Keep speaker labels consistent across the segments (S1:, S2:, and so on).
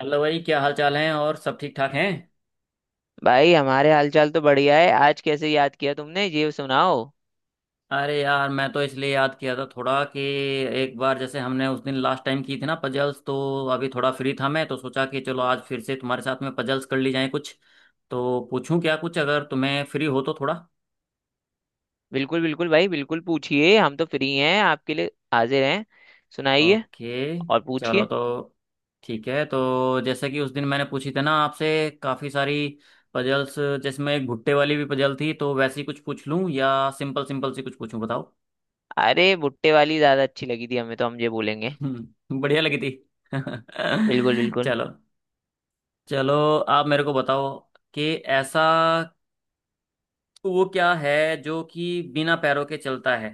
S1: Hello भाई, क्या हाल चाल है? और सब ठीक ठाक हैं?
S2: भाई हमारे हालचाल तो बढ़िया है। आज कैसे याद किया तुमने, ये सुनाओ।
S1: अरे यार, मैं तो इसलिए याद किया था थोड़ा कि एक बार जैसे हमने उस दिन लास्ट टाइम की थी ना पजल्स, तो अभी थोड़ा फ्री था मैं, तो सोचा कि चलो आज फिर से तुम्हारे साथ में पजल्स कर ली जाए कुछ, तो पूछूं क्या कुछ, अगर तुम्हें फ्री हो तो थोड़ा।
S2: बिल्कुल बिल्कुल भाई, बिल्कुल पूछिए, हम तो फ्री हैं, आपके लिए हाजिर हैं। सुनाइए
S1: ओके।
S2: और
S1: चलो
S2: पूछिए।
S1: तो ठीक है, तो जैसे कि उस दिन मैंने पूछी थी ना आपसे काफ़ी सारी पजल्स, जिसमें एक भुट्टे वाली भी पजल थी, तो वैसी कुछ पूछ लूं या सिंपल सिंपल सी कुछ पूछूं बताओ।
S2: अरे भुट्टे वाली ज्यादा अच्छी लगी थी हमें, तो हम ये बोलेंगे।
S1: हम्म, बढ़िया लगी थी।
S2: बिल्कुल बिल्कुल।
S1: चलो। चलो आप मेरे को बताओ कि ऐसा वो क्या है जो कि बिना पैरों के चलता है।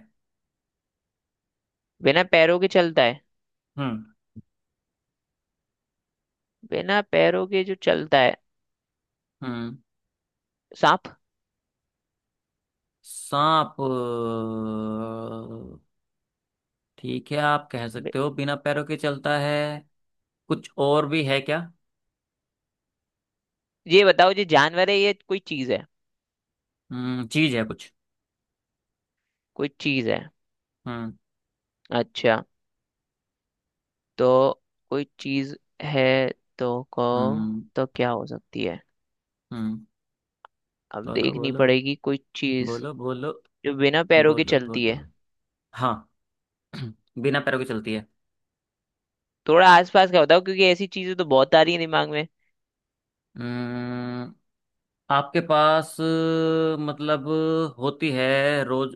S2: बिना पैरों के चलता है?
S1: हम्म।
S2: बिना पैरों के जो चलता है।
S1: हम्म।
S2: सांप।
S1: सांप? ठीक है, आप कह
S2: बे-
S1: सकते हो बिना पैरों के चलता है। कुछ और भी है क्या?
S2: ये बताओ, ये जानवर है, ये कोई चीज है?
S1: हम्म, चीज है कुछ।
S2: कोई चीज है?
S1: हम्म।
S2: अच्छा। तो कोई चीज है। तो को
S1: हम्म।
S2: तो क्या हो सकती है?
S1: हम्म।
S2: अब
S1: बोलो
S2: देखनी
S1: बोलो।
S2: पड़ेगी कोई चीज
S1: बोलो बोलो।
S2: जो बिना पैरों के
S1: बोलो
S2: चलती
S1: बोलो।
S2: है।
S1: हाँ। बिना पैरों के चलती है।
S2: थोड़ा आसपास का बताओ, क्योंकि ऐसी चीजें तो बहुत आ रही है दिमाग में।
S1: हम्म, आपके पास मतलब होती है रोज।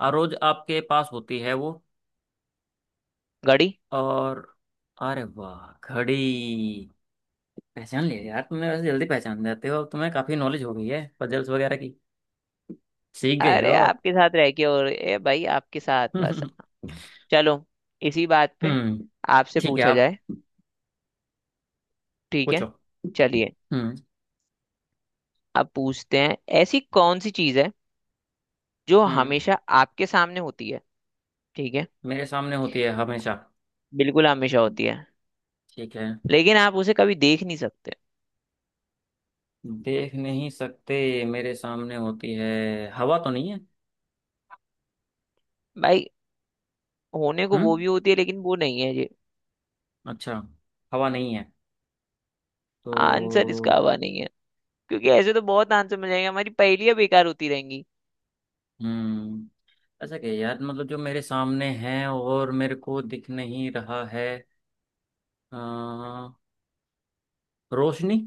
S1: रोज आपके पास होती है वो।
S2: घड़ी।
S1: और? अरे वाह, घड़ी! पहचान लिया यार तुमने। वैसे जल्दी पहचान जाते हो, अब तुम्हें काफी नॉलेज हो गई है पजल्स वगैरह की। सीख गए हो
S2: अरे
S1: आप।
S2: आपके साथ रह के, और ए भाई, आपके साथ बस। चलो, इसी बात पे
S1: हम्म।
S2: आपसे
S1: ठीक है
S2: पूछा
S1: आप।
S2: जाए। ठीक है,
S1: पूछो।
S2: चलिए।
S1: हम्म।
S2: अब पूछते हैं, ऐसी कौन सी चीज है जो
S1: हम्म।
S2: हमेशा आपके सामने होती है? ठीक है,
S1: मेरे सामने होती है हमेशा?
S2: बिल्कुल हमेशा होती है,
S1: ठीक है।
S2: लेकिन आप उसे कभी देख नहीं सकते।
S1: देख नहीं सकते। मेरे सामने होती है, हवा तो नहीं है?
S2: भाई, होने को
S1: हम्म,
S2: वो भी होती है, लेकिन वो नहीं है ये।
S1: अच्छा। हवा नहीं है
S2: आंसर इसका
S1: तो।
S2: हवा नहीं है, क्योंकि ऐसे तो बहुत आंसर मिल जाएंगे, हमारी पहेलियां बेकार होती रहेंगी।
S1: हम्म, अच्छा क्या यार, मतलब जो मेरे सामने है और मेरे को दिख नहीं रहा है। अ, रोशनी?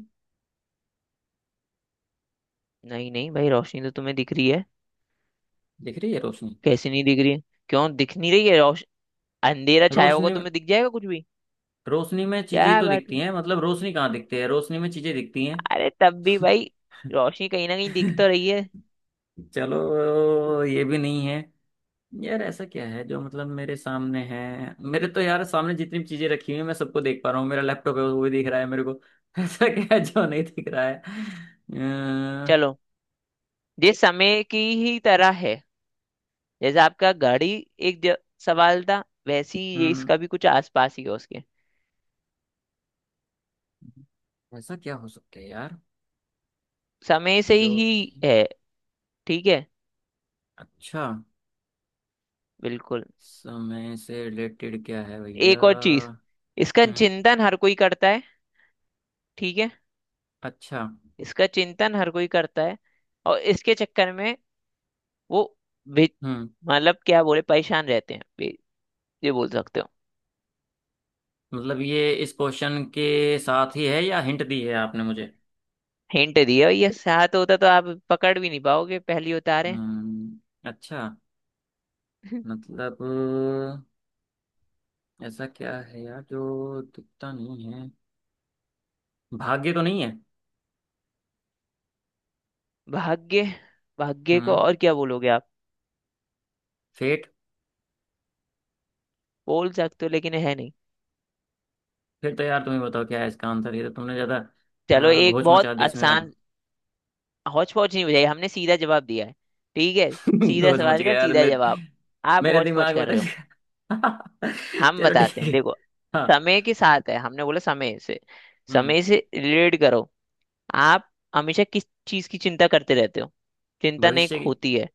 S2: नहीं नहीं भाई, रोशनी तो तुम्हें दिख रही है।
S1: दिख रही है रोशनी।
S2: कैसी नहीं दिख रही है? क्यों दिख नहीं रही है रोश अंधेरा छाया होगा
S1: रोशनी।
S2: तो तुम्हें दिख जाएगा कुछ भी।
S1: रोशनी में चीजें
S2: क्या
S1: तो
S2: बात है!
S1: दिखती हैं, मतलब रोशनी कहाँ दिखती है, रोशनी में चीजें दिखती हैं।
S2: अरे तब भी भाई, रोशनी कहीं ना कहीं दिख तो रही है।
S1: चलो, ये भी नहीं है। यार ऐसा क्या है जो मतलब मेरे सामने है। मेरे तो यार सामने जितनी भी चीजें रखी हुई है मैं सबको देख पा रहा हूँ, मेरा लैपटॉप है वो भी दिख रहा है मेरे को। ऐसा क्या है जो नहीं दिख रहा है?
S2: चलो, ये समय की ही तरह है। जैसे आपका गाड़ी एक ज- सवाल था, वैसे ही ये
S1: हम्म,
S2: इसका भी कुछ आसपास ही है उसके,
S1: ऐसा क्या हो सकता है यार,
S2: समय से
S1: जो
S2: ही
S1: कि।
S2: है। ठीक है,
S1: अच्छा।
S2: बिल्कुल।
S1: समय से रिलेटेड क्या है भैया?
S2: एक और चीज,
S1: हम्म।
S2: इसका चिंतन हर कोई करता है। ठीक है,
S1: अच्छा।
S2: इसका चिंतन हर कोई करता है, और इसके चक्कर में वो वे-
S1: हम्म,
S2: मतलब क्या बोले, परेशान रहते हैं, ये बोल सकते हो।
S1: मतलब ये इस क्वेश्चन के साथ ही है या हिंट दी है आपने मुझे?
S2: हिंट दिया, ये साथ होता तो आप पकड़ भी नहीं पाओगे पहली उतारे।
S1: हम्म, अच्छा। मतलब ऐसा क्या है यार जो दिखता नहीं है? भाग्य तो नहीं है?
S2: भाग्य? भाग्य को
S1: हम्म,
S2: और क्या बोलोगे आप?
S1: फेट।
S2: बोल सकते हो, लेकिन है नहीं।
S1: फिर तो यार तुम ही बताओ क्या है इसका आंसर, ये तो तुमने ज्यादा
S2: चलो, एक
S1: घोच
S2: बहुत
S1: मचा दी इसमें अब।
S2: आसान। हौच पौच नहीं बुझाई, हमने सीधा जवाब दिया है। ठीक है, सीधा
S1: सोच मच
S2: सवाल
S1: गया
S2: का
S1: यार
S2: सीधा
S1: मेरे,
S2: जवाब, आप
S1: मेरे
S2: हौच पौच
S1: दिमाग में
S2: कर
S1: तो।
S2: रहे हो। हम
S1: चलो ठीक
S2: बताते हैं
S1: है।
S2: देखो,
S1: हाँ।
S2: समय के साथ है, हमने बोला समय से,
S1: हम्म।
S2: समय से रिलेट करो। आप हमेशा किस चीज की चिंता करते रहते हो? चिंता नहीं
S1: भविष्य की।
S2: होती है,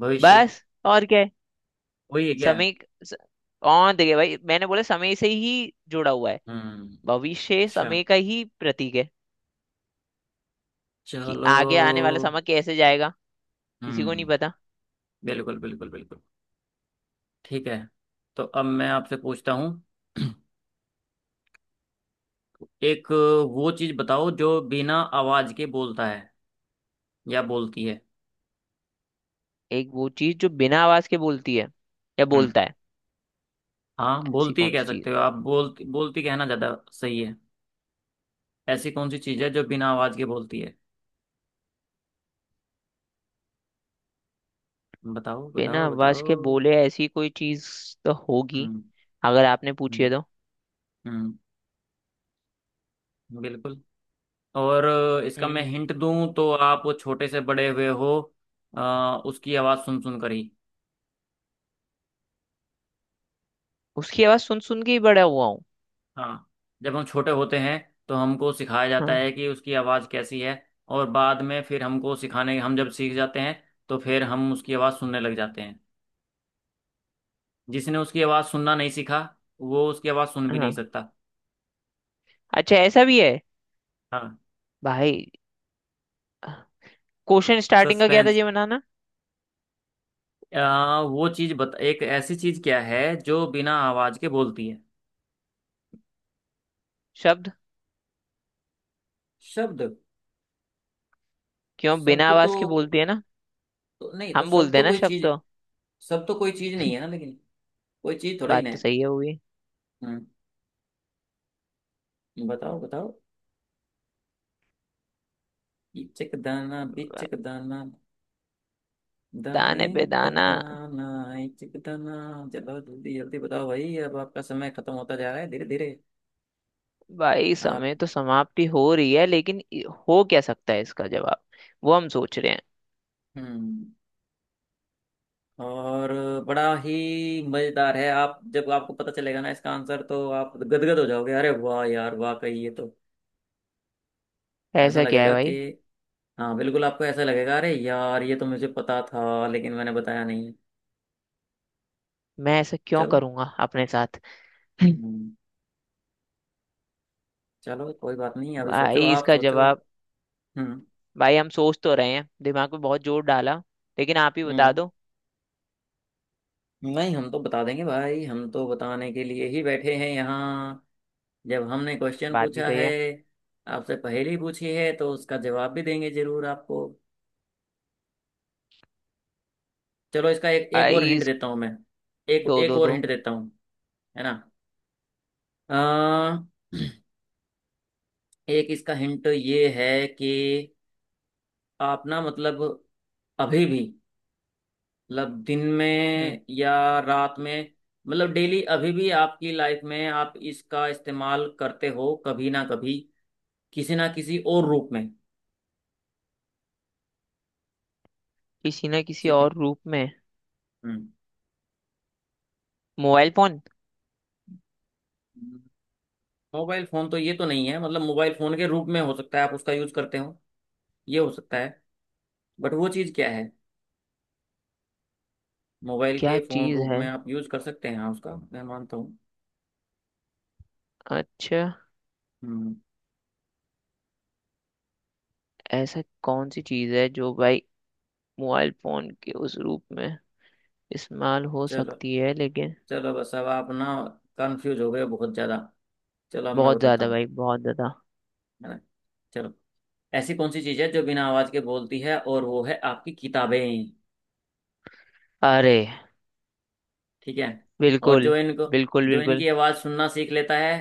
S1: भविष्य।
S2: बस और क्या है?
S1: वही है क्या?
S2: समय। स- और देखिए भाई, मैंने बोला समय से ही जुड़ा हुआ है।
S1: हम्म,
S2: भविष्य
S1: अच्छा।
S2: समय का ही प्रतीक है, कि
S1: चलो।
S2: आगे आने वाला समय कैसे जाएगा, किसी को नहीं
S1: हम्म।
S2: पता।
S1: बिल्कुल बिल्कुल बिल्कुल। ठीक है, तो अब मैं आपसे पूछता हूँ। एक वो चीज बताओ जो बिना आवाज के बोलता है, या बोलती है।
S2: एक वो चीज जो बिना आवाज के बोलती है, या
S1: हम्म।
S2: बोलता है?
S1: हाँ,
S2: ऐसी
S1: बोलती है
S2: कौन
S1: कह
S2: सी चीज?
S1: सकते हो आप, बोलती बोलती कहना ज्यादा सही है। ऐसी कौन सी चीज है जो बिना आवाज के बोलती है? बताओ
S2: बिना
S1: बताओ
S2: आवाज के
S1: बताओ।
S2: बोले, ऐसी कोई चीज तो होगी,
S1: हम्म।
S2: अगर आपने पूछी है
S1: हम्म।
S2: तो।
S1: हम्म, बिल्कुल। और इसका
S2: हम्म
S1: मैं
S2: हम्म।
S1: हिंट दूं तो, आप वो छोटे से बड़े हुए हो अ, उसकी आवाज़ सुन सुन कर ही।
S2: उसकी आवाज सुन सुन के ही बड़ा हुआ हूँ।
S1: हाँ, जब हम छोटे होते हैं तो हमको सिखाया जाता
S2: हाँ।
S1: है कि उसकी आवाज़ कैसी है। और बाद में फिर हमको सिखाने, हम जब सीख जाते हैं तो फिर हम उसकी आवाज़ सुनने लग जाते हैं। जिसने उसकी आवाज़ सुनना नहीं सीखा, वो उसकी आवाज़ सुन भी नहीं
S2: हाँ।
S1: सकता।
S2: अच्छा, ऐसा भी है?
S1: हाँ,
S2: भाई, क्वेश्चन स्टार्टिंग का क्या था,
S1: सस्पेंस।
S2: ये बनाना।
S1: वो चीज़ बता, एक ऐसी चीज़ क्या है जो बिना आवाज़ के बोलती है।
S2: शब्द।
S1: शब्द?
S2: क्यों, बिना
S1: शब्द तो,
S2: आवाज के बोलती है ना,
S1: तो नहीं तो,
S2: हम बोलते हैं ना शब्द तो।
S1: शब्द तो कोई चीज नहीं है ना, लेकिन कोई चीज थोड़ा ही
S2: बात
S1: ना
S2: तो
S1: है।
S2: सही है हुई।
S1: हम्म। बताओ बताओ। इचक दाना बिचक दाना, दाने
S2: दाने पे
S1: पर
S2: दाना।
S1: दाना, इचक दाना। चलो जल्दी जल्दी बताओ भाई, अब आपका समय खत्म होता जा रहा है धीरे धीरे।
S2: भाई
S1: आप।
S2: समय तो समाप्ति हो रही है, लेकिन हो क्या सकता है इसका जवाब, वो हम सोच रहे हैं।
S1: हम्म। और बड़ा ही मजेदार है, आप जब आपको पता चलेगा ना इसका आंसर तो आप गदगद हो जाओगे, अरे वाह यार वाह, कही ये तो ऐसा
S2: ऐसा क्या है
S1: लगेगा कि।
S2: भाई?
S1: हाँ बिल्कुल, आपको ऐसा लगेगा अरे यार ये तो मुझे पता था लेकिन मैंने बताया नहीं।
S2: मैं ऐसा क्यों
S1: चलो।
S2: करूंगा अपने साथ?
S1: हम्म, चलो कोई बात नहीं, अभी सोचो
S2: भाई
S1: आप,
S2: इसका
S1: सोचो।
S2: जवाब,
S1: हम्म।
S2: भाई हम सोच तो रहे हैं, दिमाग पे बहुत जोर डाला, लेकिन आप ही बता
S1: हम्म,
S2: दो।
S1: नहीं हम तो बता देंगे भाई, हम तो बताने के लिए ही बैठे हैं यहाँ, जब हमने क्वेश्चन
S2: बात भी
S1: पूछा
S2: सही
S1: है
S2: है।
S1: आपसे, पहेली पूछी है तो उसका जवाब भी देंगे जरूर आपको। चलो, इसका एक एक और
S2: भाई
S1: हिंट
S2: इस
S1: देता हूँ मैं, एक
S2: दो
S1: एक
S2: दो
S1: और
S2: दो
S1: हिंट देता हूँ, है ना। अ, एक इसका हिंट ये है कि आप ना, मतलब अभी भी, मतलब दिन
S2: हम्म।
S1: में या रात में, मतलब डेली अभी भी आपकी लाइफ में आप इसका इस्तेमाल करते हो कभी ना कभी, किसी ना किसी और रूप में।
S2: किसी ना किसी
S1: ठीक है।
S2: और रूप में।
S1: हम्म।
S2: Mobile phone?
S1: Mobile phone? तो ये तो नहीं है, मतलब मोबाइल फोन के रूप में हो सकता है आप उसका यूज करते हो, ये हो सकता है, बट वो चीज क्या है? मोबाइल के
S2: क्या
S1: फोन
S2: चीज
S1: रूप
S2: है?
S1: में आप यूज कर सकते हैं हाँ, उसका मैं मानता हूँ।
S2: अच्छा,
S1: हम्म।
S2: ऐसा कौन सी चीज है जो भाई मोबाइल फोन के उस रूप में इस्तेमाल हो
S1: चलो,
S2: सकती है, लेकिन
S1: चलो बस अब आप ना कंफ्यूज हो गए बहुत ज्यादा। चलो अब मैं
S2: बहुत
S1: बताता
S2: ज्यादा
S1: हूँ,
S2: भाई, बहुत ज्यादा।
S1: है ना। चलो, ऐसी कौन सी चीज़ है जो बिना आवाज़ के बोलती है, और वो है आपकी किताबें।
S2: अरे!
S1: ठीक है। और जो
S2: बिल्कुल।
S1: इनको,
S2: बिल्कुल
S1: जो
S2: बिल्कुल।
S1: इनकी आवाज़ सुनना सीख लेता है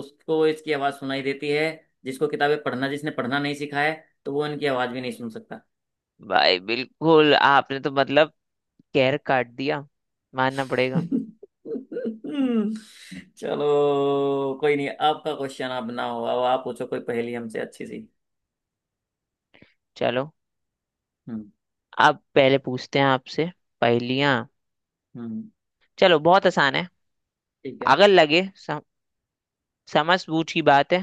S1: उसको इसकी आवाज़ सुनाई देती है। जिसको किताबें पढ़ना, जिसने पढ़ना नहीं सीखा है, तो वो इनकी आवाज़ भी नहीं सुन सकता।
S2: भाई बिल्कुल आपने तो मतलब कहर काट दिया, मानना पड़ेगा।
S1: चलो, कोई नहीं, आपका क्वेश्चन आप बनाओ, अब आप पूछो कोई पहेली हमसे अच्छी सी।
S2: चलो,
S1: हम्म।
S2: अब पहले पूछते हैं आपसे पहेलियां।
S1: हम्म।
S2: चलो बहुत आसान है।
S1: ठीक है।
S2: अगर लगे समझ बूझ की बात है,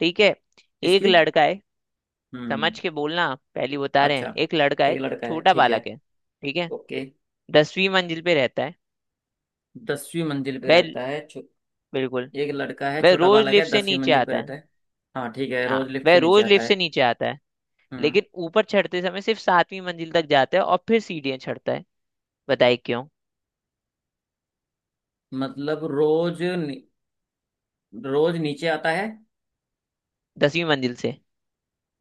S2: ठीक है। एक
S1: किसकी?
S2: लड़का है, समझ
S1: हम्म,
S2: के बोलना, पहली बता रहे
S1: अच्छा।
S2: हैं। एक लड़का है,
S1: एक लड़का है,
S2: छोटा
S1: ठीक है।
S2: बालक है, ठीक है।
S1: ओके।
S2: 10वीं मंजिल पे रहता है।
S1: दसवीं मंजिल पे
S2: वह
S1: रहता है?
S2: बिल्कुल।
S1: एक लड़का है,
S2: वह
S1: छोटा
S2: रोज
S1: बालक है,
S2: लिफ्ट से
S1: दसवीं
S2: नीचे
S1: मंजिल पे
S2: आता है।
S1: रहता है। हाँ ठीक है,
S2: हाँ,
S1: रोज लिफ्ट से
S2: वह
S1: नीचे
S2: रोज
S1: आता
S2: लिफ्ट से
S1: है।
S2: नीचे आता है,
S1: हम्म।
S2: लेकिन ऊपर चढ़ते समय सिर्फ 7वीं मंजिल तक जाता है और फिर सीढ़ियां चढ़ता है। बताइए क्यों?
S1: मतलब रोज नीचे आता है
S2: 10वीं मंजिल से।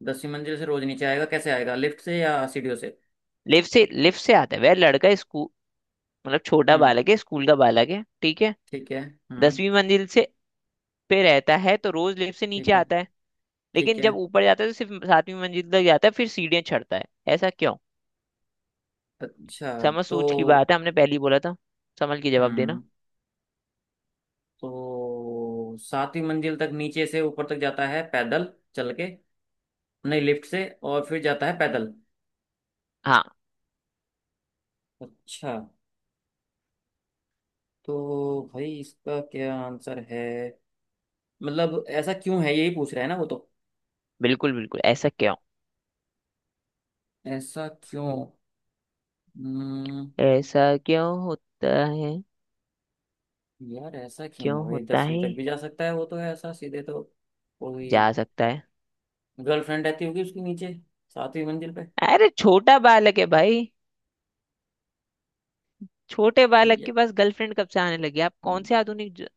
S1: दसवीं मंजिल से, रोज नीचे आएगा कैसे, आएगा लिफ्ट से या सीढ़ियों से?
S2: लिफ्ट से, लिफ्ट से आता है वह लड़का, स्कूल, मतलब छोटा
S1: हम्म,
S2: बालक है, स्कूल का बालक है, ठीक है।
S1: ठीक है। हम्म,
S2: दसवीं मंजिल से पे रहता है, तो रोज लिफ्ट से नीचे
S1: ठीक है।
S2: आता है,
S1: ठीक
S2: लेकिन
S1: है।
S2: जब ऊपर जाता है तो सिर्फ 7वीं मंजिल तक जाता है, फिर सीढ़ियां चढ़ता है। ऐसा क्यों?
S1: अच्छा।
S2: समझ
S1: तो।
S2: सूझ की बात है, हमने पहले ही बोला था, समझ के जवाब देना।
S1: हम्म। तो सातवीं मंजिल तक नीचे से ऊपर तक जाता है पैदल चल के, नहीं लिफ्ट से और फिर जाता है पैदल।
S2: हाँ,
S1: अच्छा। तो भाई इसका क्या आंसर है, मतलब ऐसा क्यों है यही पूछ रहा है ना वो तो।
S2: बिल्कुल बिल्कुल ऐसा क्यों।
S1: ऐसा क्यों। हम्म,
S2: ऐसा क्यों होता है?
S1: यार ऐसा क्यों
S2: क्यों
S1: है भाई,
S2: होता
S1: दसवीं
S2: है?
S1: तक भी जा सकता है वो तो, है ऐसा सीधे तो। कोई
S2: जा सकता है।
S1: गर्लफ्रेंड रहती होगी उसके नीचे, सातवीं मंजिल पे।
S2: अरे छोटा बालक है भाई, छोटे बालक के
S1: ये
S2: पास गर्लफ्रेंड कब से आने लगी? आप कौन से आधुनिक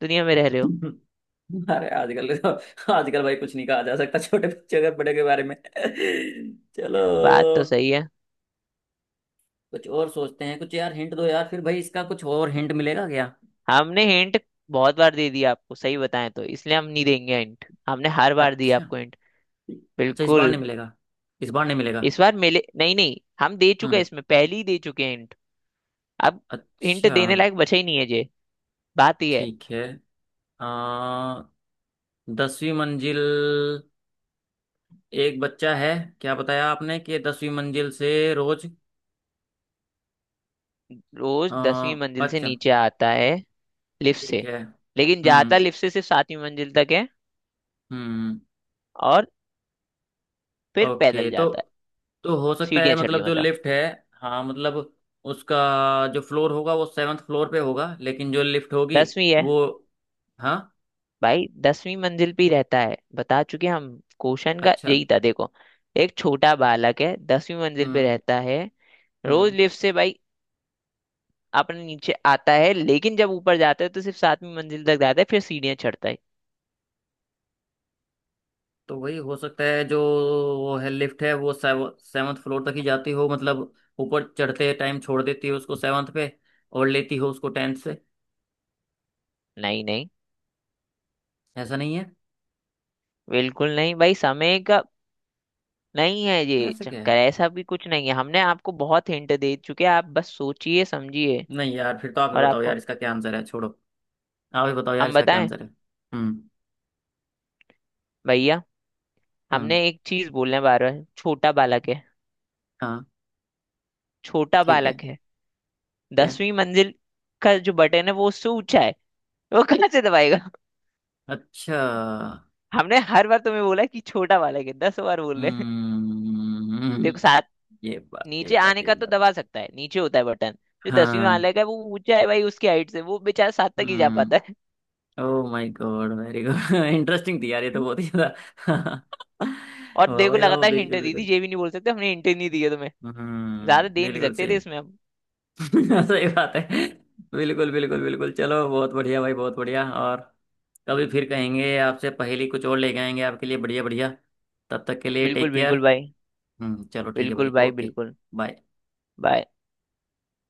S2: दुनिया में रह रहे हो?
S1: हम्म। अरे आजकल तो, आजकल भाई कुछ नहीं कहा जा सकता, छोटे बच्चे अगर बड़े के बारे में।
S2: बात तो
S1: चलो,
S2: सही है।
S1: कुछ और सोचते हैं कुछ, यार हिंट दो यार फिर भाई, इसका कुछ और हिंट मिलेगा क्या?
S2: हमने हिंट बहुत बार दे दिया आपको, सही बताएं तो इसलिए हम नहीं देंगे हिंट, हमने हर बार दिया
S1: अच्छा।
S2: आपको हिंट।
S1: अच्छा, इस बार नहीं
S2: बिल्कुल।
S1: मिलेगा, इस बार नहीं मिलेगा।
S2: इस बार मिले, नहीं नहीं, हम दे चुके हैं,
S1: हम्म,
S2: इसमें पहले ही दे चुके हैं हिंट। अब हिंट
S1: अच्छा,
S2: देने लायक बचा ही नहीं है। बात यह है।
S1: ठीक है। आ, दसवीं मंजिल, एक बच्चा है, क्या बताया आपने कि दसवीं मंजिल से रोज।
S2: रोज दसवीं
S1: आ,
S2: मंजिल से
S1: अच्छा।
S2: नीचे आता है लिफ्ट
S1: ठीक
S2: से,
S1: है,
S2: लेकिन
S1: हम्म।
S2: जाता लिफ्ट से सिर्फ सातवीं मंजिल तक है,
S1: हम्म।
S2: और फिर
S1: ओके,
S2: पैदल
S1: तो
S2: जाता है,
S1: तो हो सकता है,
S2: सीढ़ियां चढ़ के
S1: मतलब जो
S2: मतलब।
S1: लिफ्ट है। हाँ मतलब, उसका जो फ्लोर होगा वो सेवन्थ फ्लोर पे होगा, लेकिन जो लिफ्ट होगी,
S2: दसवीं है
S1: वो। हाँ।
S2: भाई, 10वीं मंजिल पे ही रहता है, बता चुके हम। क्वेश्चन का
S1: अच्छा।
S2: यही था देखो, एक छोटा बालक है 10वीं मंजिल पे
S1: हम्म।
S2: रहता है, रोज
S1: हम्म।
S2: लिफ्ट से भाई अपने नीचे आता है, लेकिन जब ऊपर जाता है तो सिर्फ सातवीं मंजिल तक जाता है, फिर सीढ़ियां चढ़ता है।
S1: तो वही हो सकता है जो, वो है लिफ्ट है, वो सेवन्थ फ्लोर तक ही जाती हो, मतलब ऊपर चढ़ते टाइम छोड़ देती हो उसको सेवन्थ पे, और लेती हो उसको टेंथ से।
S2: नहीं नहीं,
S1: ऐसा नहीं है?
S2: बिल्कुल नहीं भाई, समय का नहीं है ये
S1: ऐसा क्या
S2: चक्कर,
S1: है?
S2: ऐसा भी कुछ नहीं है, हमने आपको बहुत हिंट दे चुके हैं, आप बस सोचिए समझिए।
S1: नहीं यार फिर तो आप ही
S2: और
S1: बताओ यार,
S2: आपको
S1: इसका क्या आंसर है, छोड़ो, आप ही बताओ यार
S2: हम
S1: इसका क्या
S2: बताएं,
S1: आंसर है। हम्म।
S2: भैया
S1: हाँ।
S2: हमने एक चीज बोलने हैं बार बार, छोटा बालक है,
S1: हाँ।
S2: छोटा
S1: ठीक है।
S2: बालक है।
S1: ठीक है।
S2: दसवीं मंजिल का जो बटन है वो उससे ऊंचा है, वो कहाँ से दबाएगा?
S1: अच्छा।
S2: हमने हर बार तुम्हें बोला कि छोटा बालक है, 10 बार बोल रहे हैं।
S1: हम्म।
S2: देखो साथ,
S1: ये बात ये
S2: नीचे
S1: बात
S2: आने
S1: ये
S2: का तो
S1: बात।
S2: दबा सकता है, नीचे होता है बटन, जो दसवीं
S1: हाँ।
S2: बालक है वो ऊंचा है भाई उसकी हाइट से, वो बेचारा सात तक ही जा पाता है।
S1: हम्म। Oh my god, very good, interesting थी यार ये तो, बहुत ही ज्यादा।
S2: और
S1: वाह
S2: देखो,
S1: भाई वाह,
S2: लगातार हिंट
S1: बिल्कुल
S2: दी थी,
S1: बिल्कुल।
S2: ये भी नहीं बोल सकते हमने हिंट नहीं दी है, ज्यादा
S1: हम्म,
S2: दे नहीं
S1: बिल्कुल
S2: सकते थे
S1: सही।
S2: इसमें हम।
S1: सही बात है, बिल्कुल बिल्कुल बिल्कुल। चलो बहुत बढ़िया भाई, बहुत बढ़िया। और कभी फिर कहेंगे आपसे पहेली, कुछ और लेके आएंगे आपके लिए, बढ़िया बढ़िया। तब तक के लिए
S2: बिल्कुल
S1: टेक
S2: बिल्कुल
S1: केयर।
S2: भाई,
S1: हम्म, चलो ठीक है
S2: बिल्कुल
S1: भाई,
S2: भाई,
S1: ओके।
S2: बिल्कुल।
S1: बाय।
S2: बाय।